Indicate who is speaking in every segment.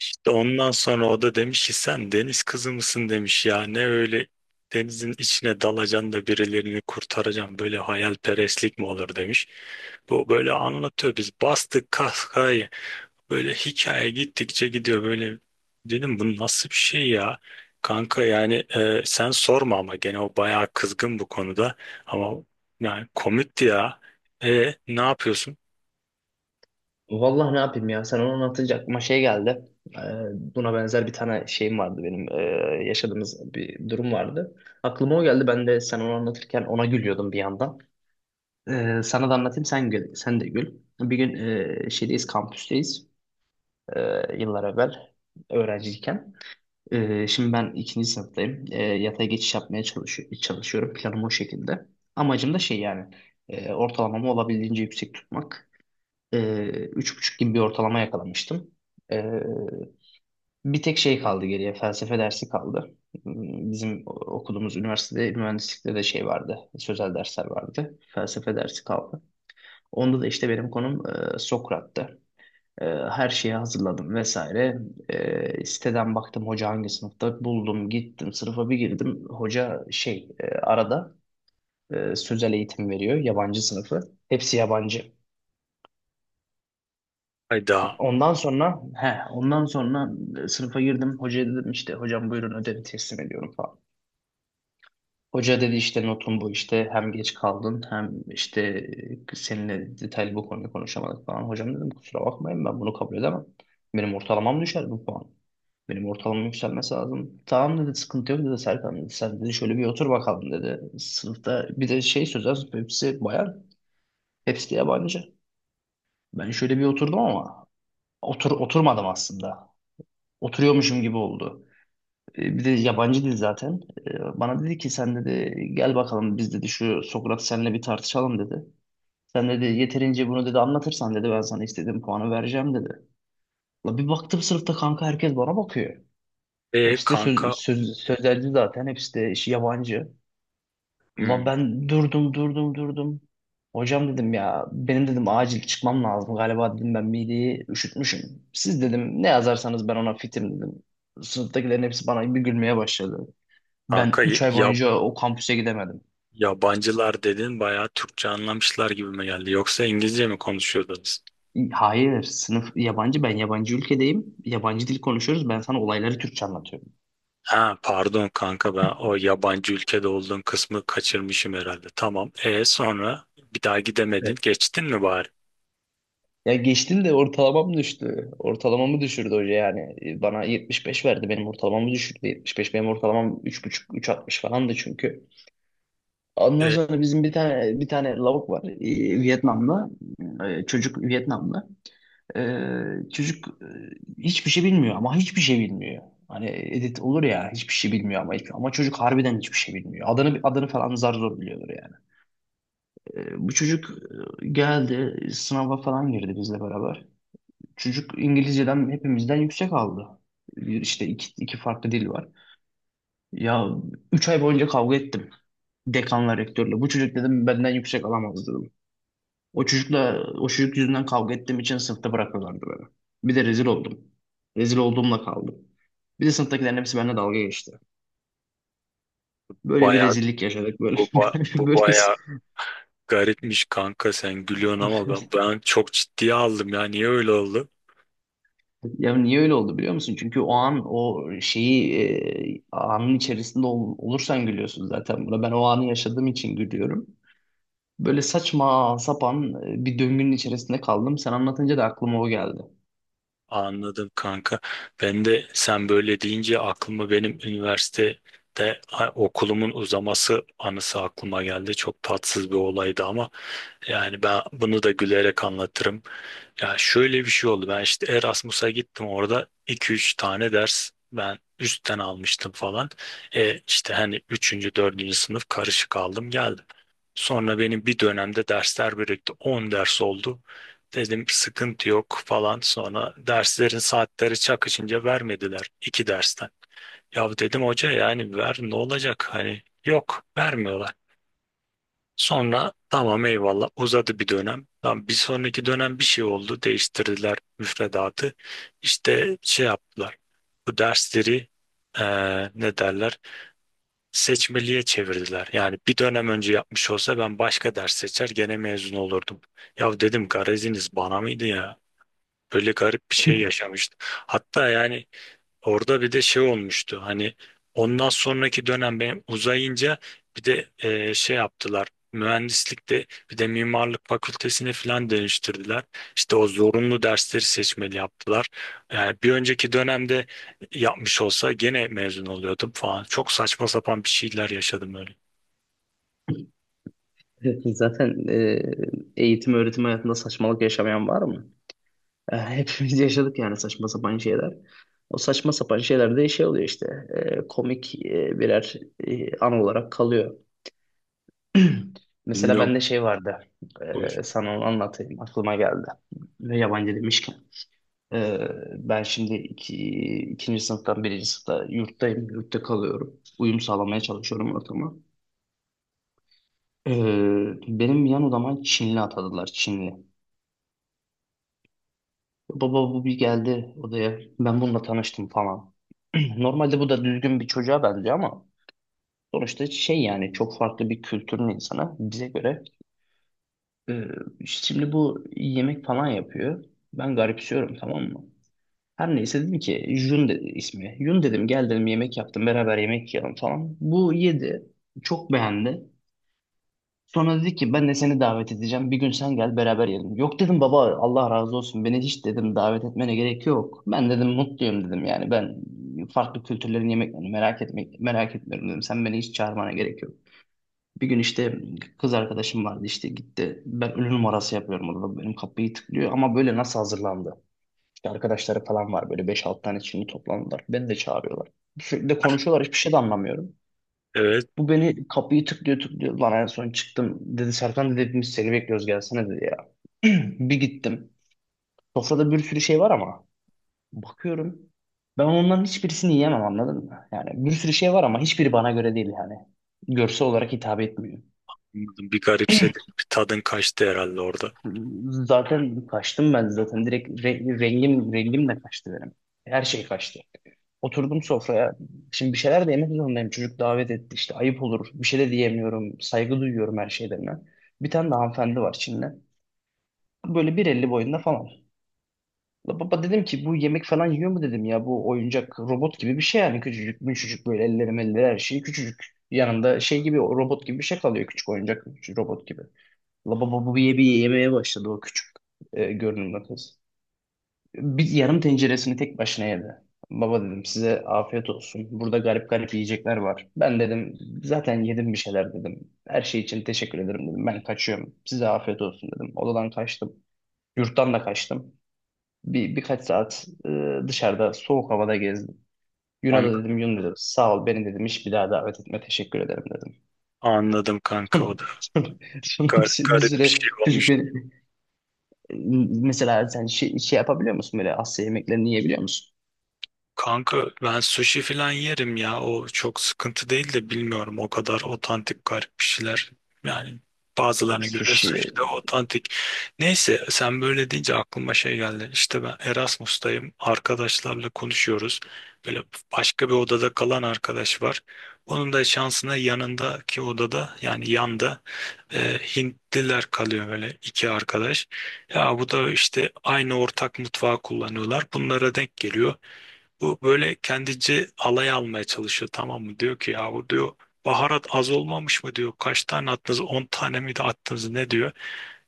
Speaker 1: İşte ondan sonra o da demiş ki sen deniz kızı mısın demiş, ya ne öyle denizin içine dalacaksın da birilerini kurtaracaksın, böyle hayalperestlik mi olur demiş. Bu böyle anlatıyor, biz bastık kahkahayı, böyle hikaye gittikçe gidiyor, böyle dedim bu nasıl bir şey ya. Kanka yani sen sorma, ama gene o bayağı kızgın bu konuda, ama yani komikti ya. E ne yapıyorsun?
Speaker 2: Vallahi ne yapayım ya sen onu anlatınca aklıma şey geldi. Ee, Buna benzer bir tane şeyim vardı benim, yaşadığımız bir durum vardı. Aklıma o geldi ben de sen onu anlatırken ona gülüyordum bir yandan. Sana da anlatayım sen gül, sen de gül. Bir gün şeydeyiz, kampüsteyiz, yıllar evvel, öğrenciyken. Şimdi ben ikinci sınıftayım. Yatay geçiş yapmaya çalışıyorum, planım o şekilde. Amacım da şey yani ortalamamı olabildiğince yüksek tutmak. Üç buçuk gibi bir ortalama yakalamıştım. Ee, Bir tek şey kaldı geriye, felsefe dersi kaldı. Bizim okuduğumuz üniversitede mühendislikte de şey vardı, sözel dersler vardı. Felsefe dersi kaldı. Onda da işte benim konum Sokrat'tı. Her şeye hazırladım vesaire. Siteden baktım hoca hangi sınıfta, buldum, gittim sınıfa bir girdim. Hoca şey, arada sözel eğitim veriyor, yabancı sınıfı. Hepsi yabancı.
Speaker 1: Hayda.
Speaker 2: Ondan sonra sınıfa girdim. Hocaya dedim işte hocam buyurun ödevi teslim ediyorum falan. Hoca dedi işte notun bu işte hem geç kaldın hem işte seninle detaylı bu konuyu konuşamadık falan. Hocam dedim kusura bakmayın ben bunu kabul edemem. Benim ortalamam düşer bu puan. Benim ortalamam yükselmesi lazım. Tamam dedi, sıkıntı yok dedi, Serkan dedi. Sen dedi şöyle bir otur bakalım dedi. Sınıfta bir de şey, sözel, hepsi bayan, hepsi de yabancı. Ben şöyle bir oturdum ama oturmadım aslında. Oturuyormuşum gibi oldu. Bir de yabancı dil zaten. Bana dedi ki sen dedi gel bakalım, biz dedi şu Sokrat seninle bir tartışalım dedi. Sen dedi yeterince bunu dedi anlatırsan dedi ben sana istediğim puanı vereceğim dedi. La bir baktım sınıfta, kanka herkes bana bakıyor.
Speaker 1: E
Speaker 2: Hepsi de
Speaker 1: kanka.
Speaker 2: sözelci, zaten hepsi de işi yabancı. Ula
Speaker 1: Hmm,
Speaker 2: ben durdum durdum durdum. Hocam dedim ya, benim dedim acil çıkmam lazım. Galiba dedim ben mideyi üşütmüşüm. Siz dedim ne yazarsanız ben ona fitim dedim. Sınıftakilerin hepsi bana bir gülmeye başladı. Ben
Speaker 1: kanka
Speaker 2: 3 ay
Speaker 1: ya,
Speaker 2: boyunca o kampüse gidemedim.
Speaker 1: yabancılar dedin, bayağı Türkçe anlamışlar gibi mi geldi? Yoksa İngilizce mi konuşuyordunuz?
Speaker 2: Hayır, sınıf yabancı, ben yabancı ülkedeyim. Yabancı dil konuşuyoruz, ben sana olayları Türkçe anlatıyorum.
Speaker 1: Ha pardon kanka, ben o yabancı ülkede olduğun kısmı kaçırmışım herhalde. Tamam. E sonra bir daha gidemedin.
Speaker 2: Evet.
Speaker 1: Geçtin mi bari?
Speaker 2: Ya geçtim de ortalamam düştü. Ortalamamı düşürdü hoca yani. Bana 75 verdi, benim ortalamamı düşürdü. 75, benim ortalamam 3,5 3,60 falandı çünkü. Ondan
Speaker 1: E,
Speaker 2: sonra bizim bir tane lavuk var, Vietnamlı. Çocuk Vietnamlı. E, çocuk e, Hiçbir şey bilmiyor, ama hiçbir şey bilmiyor. Hani edit olur ya, hiçbir şey bilmiyor, ama çocuk harbiden hiçbir şey bilmiyor. Adını falan zar zor biliyordur yani. Bu çocuk geldi sınava falan girdi bizle beraber. Çocuk İngilizceden hepimizden yüksek aldı. Bir işte iki farklı dil var. Ya üç ay boyunca kavga ettim dekanla, rektörle. Bu çocuk dedim benden yüksek alamaz dedim. O çocukla, o çocuk yüzünden kavga ettiğim için sınıfta bırakıyorlardı beni. Bir de rezil oldum. Rezil olduğumla kaldım. Bir de sınıftakilerin hepsi benimle dalga geçti. Böyle bir
Speaker 1: Bayağı
Speaker 2: rezillik yaşadık böyle.
Speaker 1: bu
Speaker 2: Böyle
Speaker 1: bayağı garipmiş kanka, sen gülüyorsun ama ben çok ciddiye aldım ya. Niye öyle oldu?
Speaker 2: Ya niye öyle oldu biliyor musun? Çünkü o an o şeyi, anın içerisinde olursan gülüyorsun zaten buna. Ben o anı yaşadığım için gülüyorum. Böyle saçma sapan bir döngünün içerisinde kaldım. Sen anlatınca da aklıma o geldi.
Speaker 1: Anladım kanka. Ben de sen böyle deyince aklıma benim üniversitede okulumun uzaması anısı aklıma geldi. Çok tatsız bir olaydı ama yani ben bunu da gülerek anlatırım. Ya şöyle bir şey oldu. Ben işte Erasmus'a gittim, orada iki üç tane ders ben üstten almıştım falan. E işte hani üçüncü dördüncü sınıf karışık aldım geldim. Sonra benim bir dönemde dersler birikti. 10 ders oldu. Dedim sıkıntı yok falan. Sonra derslerin saatleri çakışınca vermediler iki dersten. Ya dedim hoca yani ver ne olacak hani, yok, vermiyorlar. Sonra tamam eyvallah, uzadı bir dönem. Tamam, bir sonraki dönem bir şey oldu. Değiştirdiler müfredatı. İşte şey yaptılar. Bu dersleri ne derler? Seçmeliğe çevirdiler. Yani bir dönem önce yapmış olsa ben başka ders seçer gene mezun olurdum. Ya dedim gareziniz bana mıydı ya? Böyle garip bir şey yaşamıştı. Hatta yani orada bir de şey olmuştu hani, ondan sonraki dönem benim uzayınca bir de şey yaptılar mühendislikte, bir de mimarlık fakültesini falan değiştirdiler. İşte o zorunlu dersleri seçmeli yaptılar. Yani bir önceki dönemde yapmış olsa gene mezun oluyordum falan. Çok saçma sapan bir şeyler yaşadım öyle.
Speaker 2: Zaten eğitim öğretim hayatında saçmalık yaşamayan var mı? Hepimiz yaşadık yani saçma sapan şeyler. O saçma sapan şeyler de şey oluyor işte, komik birer an olarak kalıyor. Mesela
Speaker 1: Bilmiyorum.
Speaker 2: bende şey vardı.
Speaker 1: Bu-
Speaker 2: Sana onu anlatayım. Aklıma geldi. Ve yabancı demişken. e, Ben şimdi ikinci sınıftan, birinci sınıfta yurttayım. Yurtta kalıyorum. Uyum sağlamaya çalışıyorum ortama. E, Benim yan odama Çinli atadılar. Çinli. Baba bu bir geldi odaya. Ben bununla tanıştım falan. Normalde bu da düzgün bir çocuğa benziyor ama sonuçta şey yani, çok farklı bir kültürün insanı bize göre. Ee, Şimdi bu yemek falan yapıyor. Ben garipsiyorum, tamam mı? Her neyse dedim ki, Jun dedi ismi. Yun dedim gel dedim, yemek yaptım beraber yemek yiyelim falan. Bu yedi. Çok beğendi. Sonra dedi ki ben de seni davet edeceğim. Bir gün sen gel beraber yiyelim. Yok dedim baba, Allah razı olsun. Beni hiç dedim davet etmene gerek yok. Ben dedim mutluyum dedim yani. Ben farklı kültürlerin yemeklerini merak etmek merak etmiyorum dedim. Sen beni hiç çağırmana gerek yok. Bir gün işte kız arkadaşım vardı, işte gitti. Ben ünlü numarası yapıyorum orada. Benim kapıyı tıklıyor ama, böyle nasıl hazırlandı? İşte arkadaşları falan var, böyle beş 6 tane şimdi toplandılar. Beni de çağırıyorlar. Sürekli de konuşuyorlar, hiçbir şey de anlamıyorum.
Speaker 1: Evet
Speaker 2: Bu beni kapıyı tıklıyor tıklıyor. Lan en son çıktım. Dedi Serkan dedi biz seni bekliyoruz gelsene dedi ya. Bir gittim. Sofrada bir sürü şey var ama. Bakıyorum. Ben onların hiçbirisini yiyemem, anladın mı? Yani bir sürü şey var ama hiçbiri bana göre değil yani. Görsel olarak hitap etmiyor.
Speaker 1: anladım, bir garipsedim, bir tadın kaçtı herhalde orada.
Speaker 2: Zaten kaçtım ben zaten. Direkt rengim de kaçtı benim. Her şey kaçtı. Oturdum sofraya. Şimdi bir şeyler de yemek zorundayım. Çocuk davet etti işte, ayıp olur. Bir şey de diyemiyorum. Saygı duyuyorum her şeylerine. Bir tane de hanımefendi var, Çinli. Böyle bir elli boyunda falan. La baba dedim ki bu yemek falan yiyor mu dedim ya, bu oyuncak robot gibi bir şey yani, küçücük müşücük, böyle elleri melleri her şeyi küçücük. Yanında şey gibi, o robot gibi bir şey kalıyor, küçük oyuncak, küçük robot gibi. La baba bu bir bir yemeye başladı, o küçük görünümlü kız. Bir yarım tenceresini tek başına yedi. Baba dedim size afiyet olsun. Burada garip garip yiyecekler var. Ben dedim zaten yedim bir şeyler dedim. Her şey için teşekkür ederim dedim. Ben kaçıyorum. Size afiyet olsun dedim. Odadan kaçtım. Yurttan da kaçtım. Birkaç saat dışarıda soğuk havada gezdim. Yun'a
Speaker 1: An
Speaker 2: da dedim, Yun dedim sağ ol, beni dedim hiç bir daha davet etme, teşekkür ederim dedim.
Speaker 1: Anladım kanka, o da...
Speaker 2: Sonra, sonra,
Speaker 1: Gar-
Speaker 2: bir
Speaker 1: garip bir
Speaker 2: süre
Speaker 1: şey
Speaker 2: çocuk
Speaker 1: olmuş.
Speaker 2: beni, e, mesela sen şey yapabiliyor musun, böyle Asya yemeklerini yiyebiliyor musun?
Speaker 1: Kanka ben sushi falan yerim ya. O çok sıkıntı değil de bilmiyorum, o kadar otantik garip bir şeyler. Yani bazılarına göre
Speaker 2: Sushi.
Speaker 1: sushi de otantik. Neyse sen böyle deyince aklıma şey geldi. İşte ben Erasmus'tayım, arkadaşlarla konuşuyoruz. Böyle başka bir odada kalan arkadaş var. Onun da şansına yanındaki odada, yani yanda Hintliler kalıyor, böyle iki arkadaş. Ya bu da işte aynı ortak mutfağı kullanıyorlar, bunlara denk geliyor. Bu böyle kendince alay almaya çalışıyor, tamam mı? Diyor ki ya, bu diyor baharat az olmamış mı diyor. Kaç tane attınız? 10 tane miydi attınız ne diyor.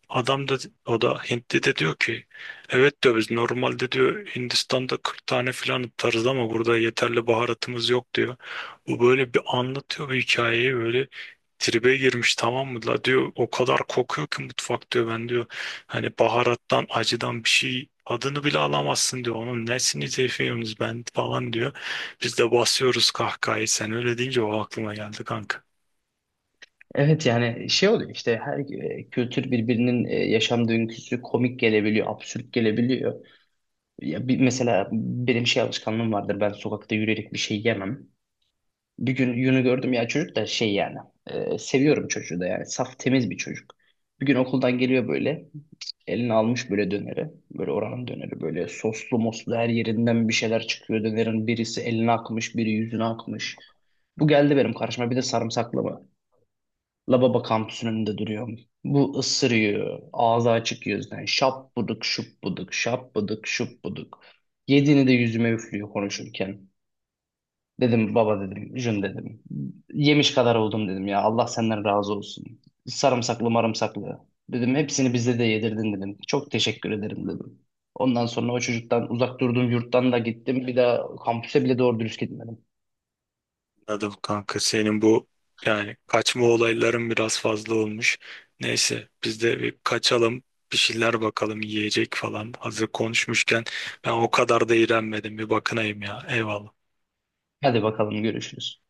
Speaker 1: Adam da, o da Hintli de diyor ki evet diyor, biz normalde diyor Hindistan'da 40 tane filan atarız ama burada yeterli baharatımız yok diyor. Bu böyle bir anlatıyor bu hikayeyi, böyle tribe girmiş tamam mı, la diyor o kadar kokuyor ki mutfak diyor, ben diyor hani baharattan acıdan bir şey adını bile alamazsın diyor, onun nesini zayıfıyorsunuz ben falan diyor, biz de basıyoruz kahkahayı. Sen öyle deyince o aklıma geldi kanka.
Speaker 2: Evet yani şey oluyor işte, her kültür birbirinin yaşam döngüsü komik gelebiliyor, absürt gelebiliyor. Ya mesela benim şey alışkanlığım vardır, ben sokakta yürüyerek bir şey yemem. Bir gün Yun'u gördüm, ya çocuk da şey yani, seviyorum çocuğu da yani, saf temiz bir çocuk. Bir gün okuldan geliyor böyle, eline almış böyle döneri, böyle oranın döneri, böyle soslu moslu her yerinden bir şeyler çıkıyor dönerin, birisi eline akmış, biri yüzüne akmış. Bu geldi benim karşıma, bir de sarımsaklı mı? Lababa kampüsünün önünde duruyorum. Bu ısırıyor ağzı açık yüzden, şap buduk şup buduk şap buduk şup buduk. Yediğini de yüzüme üflüyor konuşurken. Dedim baba dedim, Jün dedim. Yemiş kadar oldum dedim ya. Allah senden razı olsun. Sarımsaklı marımsaklı. Dedim hepsini bize de yedirdin dedim. Çok teşekkür ederim dedim. Ondan sonra o çocuktan uzak durduğum yurttan da gittim. Bir daha kampüse bile doğru dürüst gitmedim.
Speaker 1: Anladım kanka, senin bu yani kaçma olayların biraz fazla olmuş. Neyse biz de bir kaçalım, bir şeyler bakalım yiyecek falan. Hazır konuşmuşken ben o kadar da iğrenmedim, bir bakınayım ya, eyvallah.
Speaker 2: Hadi bakalım, görüşürüz.